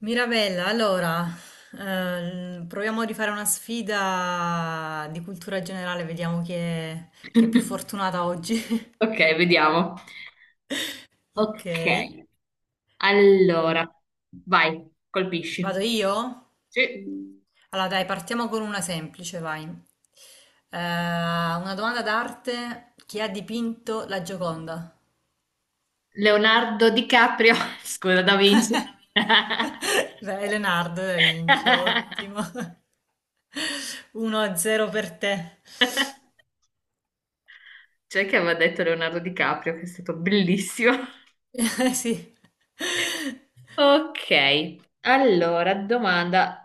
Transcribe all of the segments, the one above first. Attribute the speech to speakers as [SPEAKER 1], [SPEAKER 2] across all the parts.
[SPEAKER 1] Mirabella, allora, proviamo a rifare una sfida di cultura generale, vediamo chi è più fortunata oggi.
[SPEAKER 2] Ok, vediamo.
[SPEAKER 1] Ok,
[SPEAKER 2] Ok,
[SPEAKER 1] allora,
[SPEAKER 2] allora, vai,
[SPEAKER 1] vado
[SPEAKER 2] colpisci.
[SPEAKER 1] io?
[SPEAKER 2] Sì.
[SPEAKER 1] Allora dai, partiamo con una semplice, vai. Una domanda d'arte, chi ha dipinto la Gioconda?
[SPEAKER 2] Leonardo DiCaprio, scusa, Da Vinci.
[SPEAKER 1] Dai, Leonardo da Vinci, ottimo. 1-0 per te.
[SPEAKER 2] C'è che aveva detto Leonardo DiCaprio, che è stato bellissimo.
[SPEAKER 1] Sì.
[SPEAKER 2] Ok, allora, domanda.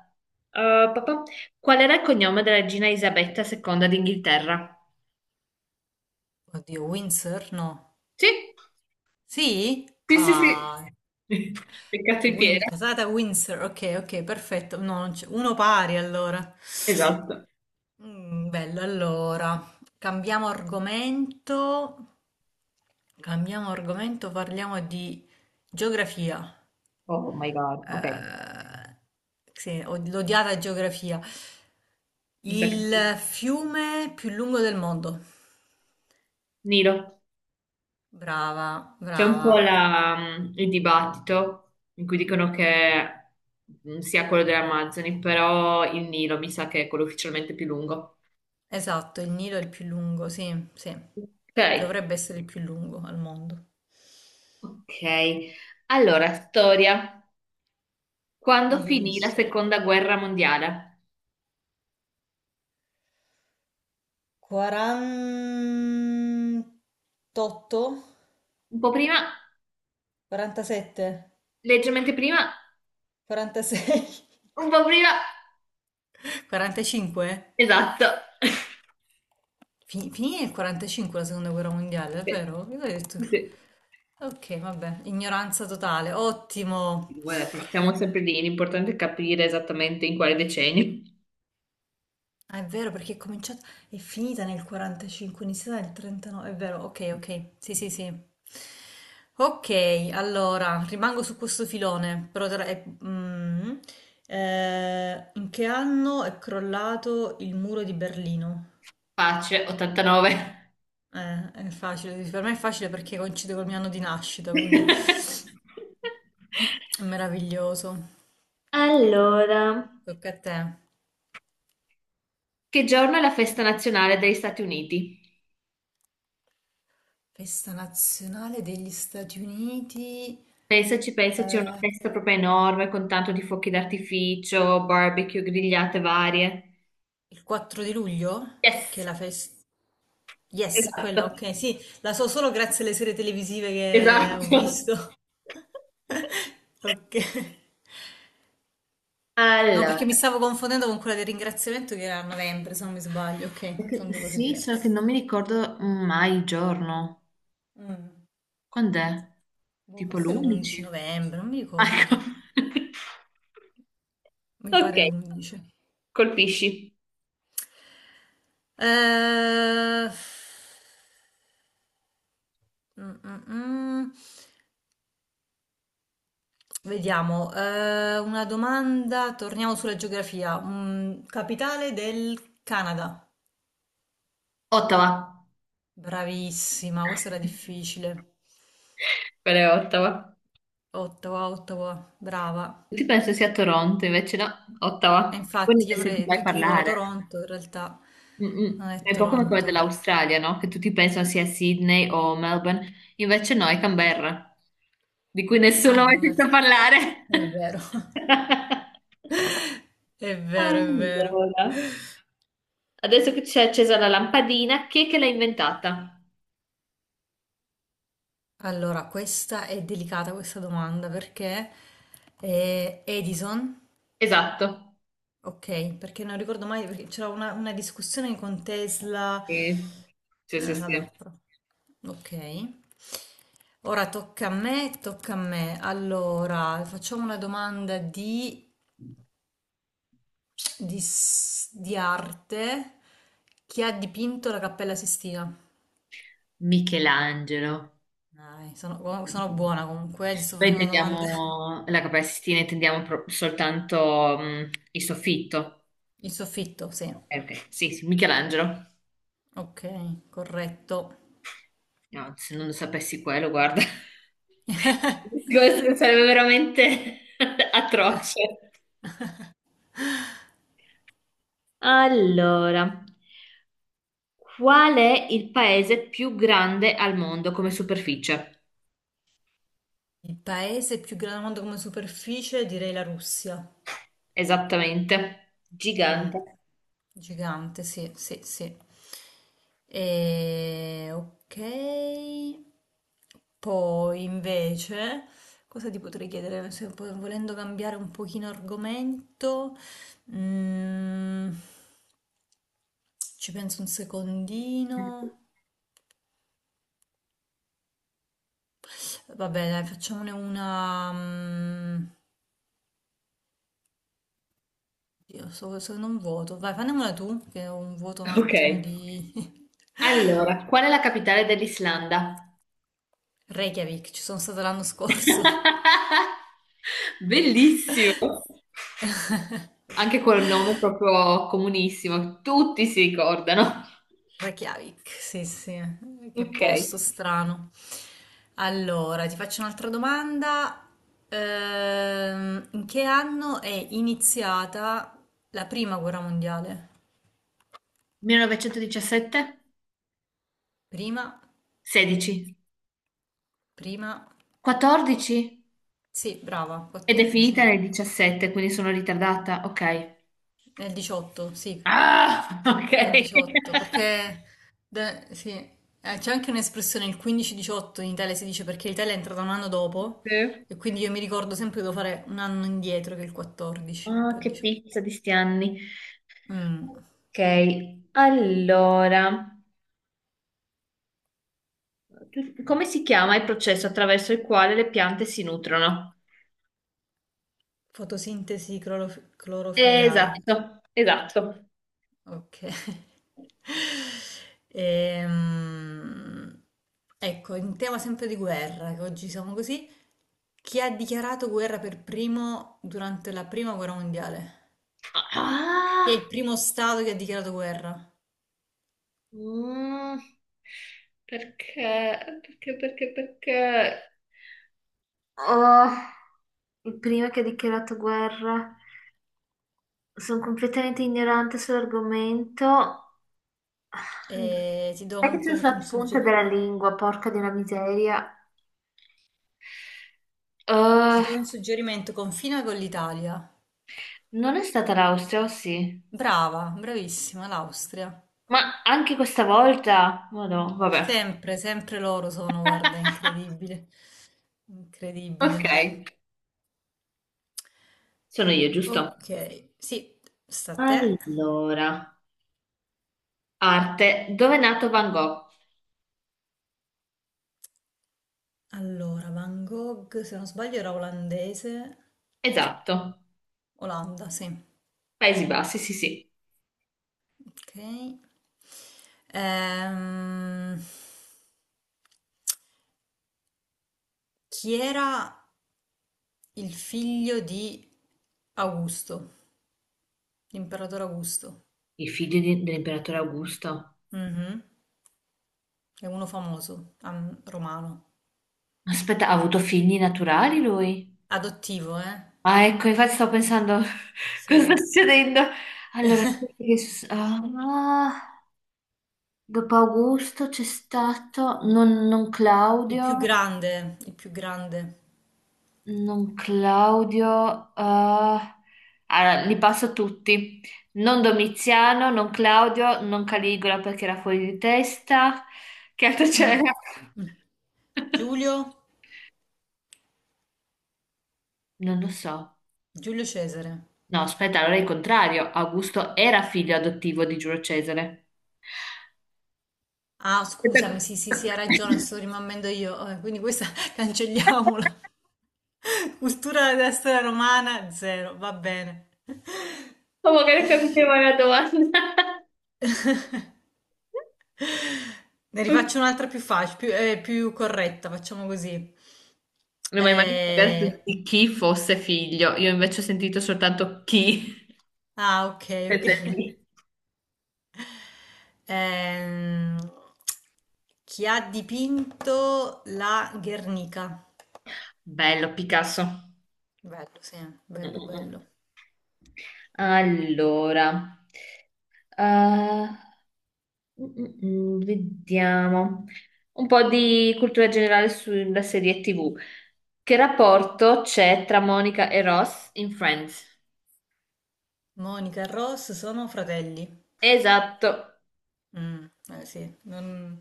[SPEAKER 2] Papà, qual era il cognome della regina Isabetta II d'Inghilterra?
[SPEAKER 1] Oddio, Windsor? No.
[SPEAKER 2] Sì,
[SPEAKER 1] Sì?
[SPEAKER 2] sì, sì, sì.
[SPEAKER 1] Ah,
[SPEAKER 2] Peccato in piedi.
[SPEAKER 1] Casata Windsor. Ok, ok, perfetto. No, non c'è- uno pari allora.
[SPEAKER 2] Esatto.
[SPEAKER 1] Mm, bello, allora. Cambiamo argomento. Cambiamo argomento, parliamo di geografia.
[SPEAKER 2] Oh my God, ok.
[SPEAKER 1] Eh, sì, l'odiata geografia.
[SPEAKER 2] Mi sa che sì.
[SPEAKER 1] Il fiume più lungo del mondo.
[SPEAKER 2] Nilo.
[SPEAKER 1] Brava,
[SPEAKER 2] C'è un po'
[SPEAKER 1] brava.
[SPEAKER 2] il dibattito in cui dicono che sia quello delle Amazzoni, però il Nilo mi sa che è quello ufficialmente più lungo.
[SPEAKER 1] Esatto, il Nilo è il più lungo, sì, sì.
[SPEAKER 2] Ok,
[SPEAKER 1] Dovrebbe essere il più lungo al mondo.
[SPEAKER 2] ok. Allora, storia. Quando
[SPEAKER 1] Ui, ui,
[SPEAKER 2] finì la
[SPEAKER 1] storia.
[SPEAKER 2] seconda guerra mondiale?
[SPEAKER 1] 48?
[SPEAKER 2] Un po' prima,
[SPEAKER 1] 47?
[SPEAKER 2] leggermente prima,
[SPEAKER 1] 46?
[SPEAKER 2] un po' prima.
[SPEAKER 1] 45?
[SPEAKER 2] Esatto.
[SPEAKER 1] Finì nel 45 la seconda guerra mondiale, è
[SPEAKER 2] Sì.
[SPEAKER 1] vero? Io avevo detto.
[SPEAKER 2] Sì.
[SPEAKER 1] Ok, vabbè, ignoranza totale, ottimo.
[SPEAKER 2] Guarda, siamo sempre lì, l'importante è capire esattamente in quale decennio.
[SPEAKER 1] Ah, è vero perché è cominciata, è finita nel 45, è iniziata nel 39, è vero, ok, ok, sì, sì, sì. Ok, allora, rimango su questo filone, però tra- è- mm, in che anno è crollato il muro di Berlino?
[SPEAKER 2] Pace, 89.
[SPEAKER 1] È facile, per me è facile perché coincide col mio anno di nascita, quindi è meraviglioso.
[SPEAKER 2] Allora,
[SPEAKER 1] Tocca a te.
[SPEAKER 2] che giorno è la festa nazionale degli Stati Uniti?
[SPEAKER 1] Festa nazionale degli Stati Uniti,
[SPEAKER 2] Pensaci, pensaci, è una
[SPEAKER 1] eh,
[SPEAKER 2] festa proprio enorme con tanto di fuochi d'artificio, barbecue, grigliate varie.
[SPEAKER 1] il 4 di luglio, che è
[SPEAKER 2] Yes,
[SPEAKER 1] la festa. Yes,
[SPEAKER 2] esatto,
[SPEAKER 1] quella, okay. Sì, la so solo grazie alle serie televisive che ho
[SPEAKER 2] esatto.
[SPEAKER 1] visto. Ok. No,
[SPEAKER 2] Allora,
[SPEAKER 1] perché mi stavo confondendo con quella del ringraziamento che era a novembre, se non mi sbaglio. Ok, sono due cose
[SPEAKER 2] sì, solo che
[SPEAKER 1] diverse.
[SPEAKER 2] non mi ricordo mai il giorno.
[SPEAKER 1] Mm.
[SPEAKER 2] Quando è?
[SPEAKER 1] Boh,
[SPEAKER 2] Tipo
[SPEAKER 1] forse
[SPEAKER 2] l'11?
[SPEAKER 1] l'11 novembre, non mi ricordo.
[SPEAKER 2] Ecco.
[SPEAKER 1] Mi
[SPEAKER 2] Ok,
[SPEAKER 1] pare l'11.
[SPEAKER 2] colpisci.
[SPEAKER 1] Eh, mm, mm, mm. Vediamo, una domanda, torniamo sulla geografia. Capitale del Canada.
[SPEAKER 2] Ottawa.
[SPEAKER 1] Bravissima, questa era difficile.
[SPEAKER 2] Quella è Ottawa.
[SPEAKER 1] Ottawa, Ottawa, brava.
[SPEAKER 2] Tutti pensano sia Toronto, invece no,
[SPEAKER 1] E
[SPEAKER 2] Ottawa. Poi ne
[SPEAKER 1] infatti,
[SPEAKER 2] senti mai
[SPEAKER 1] tutti dicono
[SPEAKER 2] parlare.
[SPEAKER 1] Toronto, in realtà non
[SPEAKER 2] Mm-mm.
[SPEAKER 1] è
[SPEAKER 2] È un po' come quella
[SPEAKER 1] Toronto.
[SPEAKER 2] dell'Australia, no? Che tutti pensano sia Sydney o Melbourne, invece no, è Canberra, di cui nessuno
[SPEAKER 1] Ah,
[SPEAKER 2] ha mai sentito parlare.
[SPEAKER 1] è vero. È vero, è vero.
[SPEAKER 2] Allora, adesso che c'è accesa la lampadina, chi è che l'ha inventata?
[SPEAKER 1] Allora, questa è delicata questa domanda perché Edison,
[SPEAKER 2] Esatto.
[SPEAKER 1] ok, perché non ricordo mai, perché c'era una discussione con Tesla.
[SPEAKER 2] Sì, sì, sì.
[SPEAKER 1] Ah,
[SPEAKER 2] Sì.
[SPEAKER 1] vabbè, ok. Ora tocca a me, tocca a me. Allora, facciamo una domanda di arte. Chi ha dipinto la Cappella Sistina?
[SPEAKER 2] Michelangelo.
[SPEAKER 1] Dai, sono, oh, sono buona comunque, ti sto
[SPEAKER 2] Poi
[SPEAKER 1] facendo domande.
[SPEAKER 2] intendiamo la Cappella Sistina, intendiamo soltanto il soffitto.
[SPEAKER 1] Il soffitto, sì.
[SPEAKER 2] Ok, ok. Sì, sì, Michelangelo.
[SPEAKER 1] Ok, corretto.
[SPEAKER 2] No, se non lo sapessi quello, guarda, questo sarebbe veramente atroce. Allora, qual è il paese più grande al mondo come superficie?
[SPEAKER 1] Il paese più grande al mondo come superficie, direi la Russia.
[SPEAKER 2] Esattamente,
[SPEAKER 1] Mm,
[SPEAKER 2] gigante.
[SPEAKER 1] Gigante, sì, sì, sì. E, ok. Poi invece, cosa ti potrei chiedere? Se po- Volendo cambiare un pochino argomento, mm, ci penso un secondino. Vabbè, dai, facciamone una. mm, Io so, sono un vuoto. Vai, fammela tu, che ho un vuoto un
[SPEAKER 2] Ok.
[SPEAKER 1] attimo di.
[SPEAKER 2] Allora, qual è la capitale dell'Islanda?
[SPEAKER 1] Reykjavik, ci sono stata l'anno scorso.
[SPEAKER 2] Bellissimo. Anche quel nome proprio comunissimo, tutti si ricordano.
[SPEAKER 1] Reykjavik, sì, sì, che
[SPEAKER 2] Ok.
[SPEAKER 1] posto strano. Allora, ti faccio un'altra domanda. In che anno è iniziata la prima guerra mondiale?
[SPEAKER 2] 1917?
[SPEAKER 1] Prima,
[SPEAKER 2] 16.
[SPEAKER 1] prima,
[SPEAKER 2] 14?
[SPEAKER 1] sì, brava,
[SPEAKER 2] Ed è
[SPEAKER 1] 14.
[SPEAKER 2] finita nel 17, quindi sono ritardata. Ok.
[SPEAKER 1] Nel 18, sì,
[SPEAKER 2] Ah, ok.
[SPEAKER 1] nel 18, perché sì, c'è anche un'espressione, il 15-18 in Italia si dice perché l'Italia è entrata un anno dopo.
[SPEAKER 2] Sì.
[SPEAKER 1] E quindi io mi ricordo sempre che devo fare un anno indietro che è il 14,
[SPEAKER 2] Ah,
[SPEAKER 1] poi il
[SPEAKER 2] che
[SPEAKER 1] 18.
[SPEAKER 2] pizza di sti anni.
[SPEAKER 1] Mm,
[SPEAKER 2] Ok, allora, come si chiama il processo attraverso il quale le piante si nutrono?
[SPEAKER 1] Fotosintesi clorofilliana.
[SPEAKER 2] Esatto, esatto.
[SPEAKER 1] Ok. Ehm, ecco, in tema sempre di guerra, che oggi siamo così, chi ha dichiarato guerra per primo durante la prima guerra mondiale? Chi è
[SPEAKER 2] Ah,
[SPEAKER 1] il primo stato che ha dichiarato guerra?
[SPEAKER 2] mm, perché, perché, perché, perché... Oh, il primo che ha dichiarato guerra. Sono completamente ignorante sull'argomento.
[SPEAKER 1] E ti do
[SPEAKER 2] Sai
[SPEAKER 1] un,
[SPEAKER 2] che c'è
[SPEAKER 1] con- un
[SPEAKER 2] sulla punta
[SPEAKER 1] sugge-
[SPEAKER 2] della lingua, porca di una miseria.
[SPEAKER 1] ti
[SPEAKER 2] Eh,
[SPEAKER 1] do un suggerimento, confina con l'Italia.
[SPEAKER 2] non è stata l'Austria, o sì?
[SPEAKER 1] Brava, bravissima, l'Austria.
[SPEAKER 2] Ma anche questa volta? Ma no, vabbè.
[SPEAKER 1] Sempre, sempre loro sono, guarda, incredibile. Incredibile.
[SPEAKER 2] Ok. Sono io, giusto?
[SPEAKER 1] Ok, sì, sta a te.
[SPEAKER 2] Allora, arte. Dove è nato Van Gogh?
[SPEAKER 1] Allora, Van Gogh, se non sbaglio era olandese.
[SPEAKER 2] Esatto.
[SPEAKER 1] Olanda, sì.
[SPEAKER 2] Paesi Bassi, sì, sì.
[SPEAKER 1] Ok. Ehm, Chi era il figlio di Augusto, l'imperatore Augusto?
[SPEAKER 2] Il figlio dell'imperatore Augusto.
[SPEAKER 1] Mhm, è uno famoso, romano.
[SPEAKER 2] Aspetta, ha avuto figli naturali lui?
[SPEAKER 1] Adottivo, eh?
[SPEAKER 2] Ah, ecco, infatti stavo pensando cosa sta
[SPEAKER 1] Sì.
[SPEAKER 2] succedendo. Allora, chi è che ah, dopo Augusto c'è stato non
[SPEAKER 1] Il più
[SPEAKER 2] Claudio.
[SPEAKER 1] grande, il più grande.
[SPEAKER 2] Non Claudio, allora, li passo tutti. Non Domiziano, non Claudio, non Caligola perché era fuori di testa. Che altro
[SPEAKER 1] Mm.
[SPEAKER 2] c'era?
[SPEAKER 1] Mm. Giulio?
[SPEAKER 2] Non lo so.
[SPEAKER 1] Giulio Cesare.
[SPEAKER 2] No, aspetta, allora è il contrario. Augusto era figlio adottivo di Giulio Cesare.
[SPEAKER 1] Ah, scusami,
[SPEAKER 2] Aspetta.
[SPEAKER 1] sì, sì, sì, hai ragione, sto rimanendo io. Quindi questa cancelliamola. Cultura della storia romana, zero, va bene.
[SPEAKER 2] Oh, magari capiva la domanda.
[SPEAKER 1] Ne rifaccio un'altra più facile, più corretta, facciamo così.
[SPEAKER 2] Non mi hai mai
[SPEAKER 1] Eh,
[SPEAKER 2] detto di chi fosse figlio. Io invece ho sentito soltanto chi.
[SPEAKER 1] ah, ok, ok.
[SPEAKER 2] Senza il di.
[SPEAKER 1] Ehm, Chi ha dipinto la Guernica?
[SPEAKER 2] Bello, Picasso.
[SPEAKER 1] Bello, sì,
[SPEAKER 2] Mm,
[SPEAKER 1] bello,
[SPEAKER 2] mm, mm.
[SPEAKER 1] bello.
[SPEAKER 2] Allora, eh, vediamo un po' di cultura generale sulla serie TV. Che rapporto c'è tra Monica e Ross in Friends?
[SPEAKER 1] Monica e Ross sono fratelli.
[SPEAKER 2] Esatto.
[SPEAKER 1] Mm, eh sì,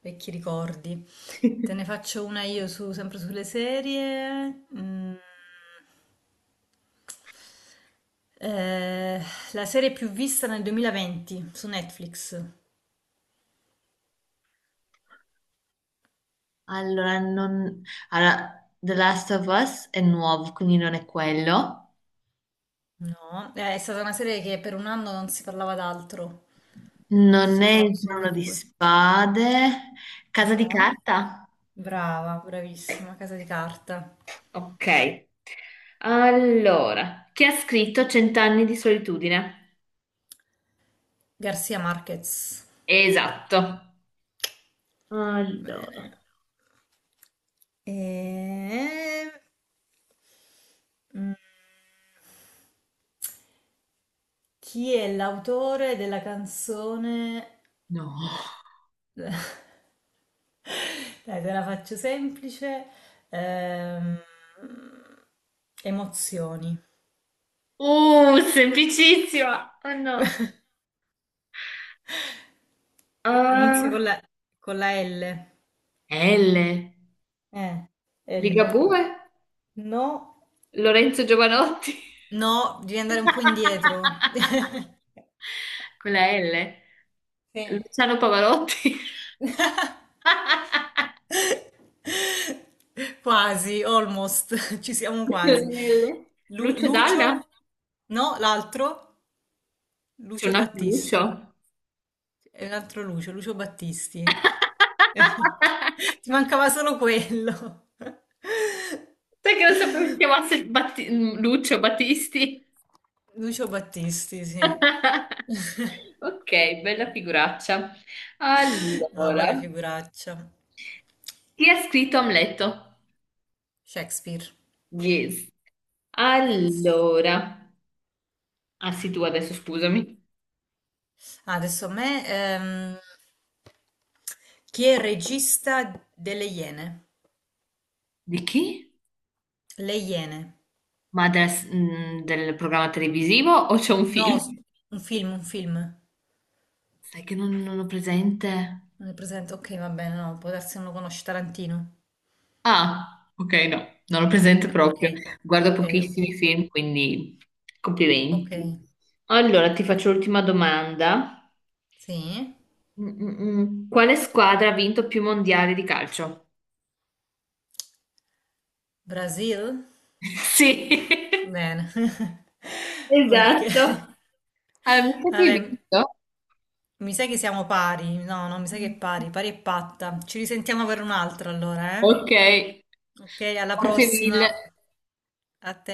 [SPEAKER 1] vecchi ricordi. Te ne faccio una io sempre sulle serie. Mm. Eh, la serie più vista nel 2020 su Netflix.
[SPEAKER 2] Allora, non... allora, The Last of Us è nuovo, quindi non è quello.
[SPEAKER 1] No, è stata una serie che per un anno non si parlava d'altro. Ci si
[SPEAKER 2] Non
[SPEAKER 1] è
[SPEAKER 2] è
[SPEAKER 1] parlato
[SPEAKER 2] il
[SPEAKER 1] solo
[SPEAKER 2] trono
[SPEAKER 1] di
[SPEAKER 2] di
[SPEAKER 1] quello.
[SPEAKER 2] spade. Casa di
[SPEAKER 1] No?
[SPEAKER 2] carta?
[SPEAKER 1] Brava, bravissima, Casa di Carta.
[SPEAKER 2] Ok. Allora, chi ha scritto Cent'anni di solitudine?
[SPEAKER 1] Garcia Marquez.
[SPEAKER 2] Esatto. Allora.
[SPEAKER 1] Bene. E mm, chi è l'autore della canzone?
[SPEAKER 2] No.
[SPEAKER 1] Dai, te la faccio semplice. Ehm, Emozioni.
[SPEAKER 2] Semplicissima. Oh no.
[SPEAKER 1] Inizia
[SPEAKER 2] Ah,
[SPEAKER 1] con la L.
[SPEAKER 2] L.
[SPEAKER 1] Eh, L.
[SPEAKER 2] Ligabue?
[SPEAKER 1] No.
[SPEAKER 2] Lorenzo Giovanotti?
[SPEAKER 1] No, devi andare un po' indietro.
[SPEAKER 2] Con la L?
[SPEAKER 1] Sì.
[SPEAKER 2] Luciano Pavarotti?
[SPEAKER 1] Quasi, almost, ci siamo
[SPEAKER 2] Con la
[SPEAKER 1] quasi.
[SPEAKER 2] L? Lucio Dalla?
[SPEAKER 1] Lucio? No, l'altro?
[SPEAKER 2] C'è
[SPEAKER 1] Lucio
[SPEAKER 2] un altro
[SPEAKER 1] Battisti.
[SPEAKER 2] Lucio?
[SPEAKER 1] È un altro Lucio, Lucio Battisti. Ti mancava solo quello.
[SPEAKER 2] Sai che non sapevo che si chiamasse Lucio Battisti?
[SPEAKER 1] Lucio Battisti, sì.
[SPEAKER 2] Ok, bella figuraccia.
[SPEAKER 1] No, quale
[SPEAKER 2] Allora,
[SPEAKER 1] figuraccia?
[SPEAKER 2] chi ha scritto Amleto?
[SPEAKER 1] Shakespeare,
[SPEAKER 2] Yes.
[SPEAKER 1] yes.
[SPEAKER 2] Allora, ah sì, tu adesso scusami.
[SPEAKER 1] Ah, adesso a me, chi è il regista delle Iene?
[SPEAKER 2] Di chi?
[SPEAKER 1] Le Iene.
[SPEAKER 2] Ma del programma televisivo o c'è un
[SPEAKER 1] No,
[SPEAKER 2] film?
[SPEAKER 1] un film, un film.
[SPEAKER 2] Sai che non ho presente.
[SPEAKER 1] Non è presente? Ok, va bene, no, può darsi che non lo conosci Tarantino.
[SPEAKER 2] Ah, ok, no, non ho presente
[SPEAKER 1] No, ok,
[SPEAKER 2] proprio. Guardo
[SPEAKER 1] ok, ok,
[SPEAKER 2] pochissimi film, quindi
[SPEAKER 1] ok.
[SPEAKER 2] complimenti. Allora, ti faccio l'ultima domanda.
[SPEAKER 1] Sì,
[SPEAKER 2] Mm, mm, mm. Quale squadra ha vinto più mondiali di calcio?
[SPEAKER 1] Brasil?
[SPEAKER 2] Sì,
[SPEAKER 1] Bene. Ok.
[SPEAKER 2] Esatto. Avevo
[SPEAKER 1] Vabbè,
[SPEAKER 2] vinto.
[SPEAKER 1] mi sa che siamo pari. No, no, mi sa che è pari, pari e patta. Ci risentiamo per un'altra allora, eh?
[SPEAKER 2] Ok,
[SPEAKER 1] Ok, alla
[SPEAKER 2] grazie mille.
[SPEAKER 1] prossima. A te.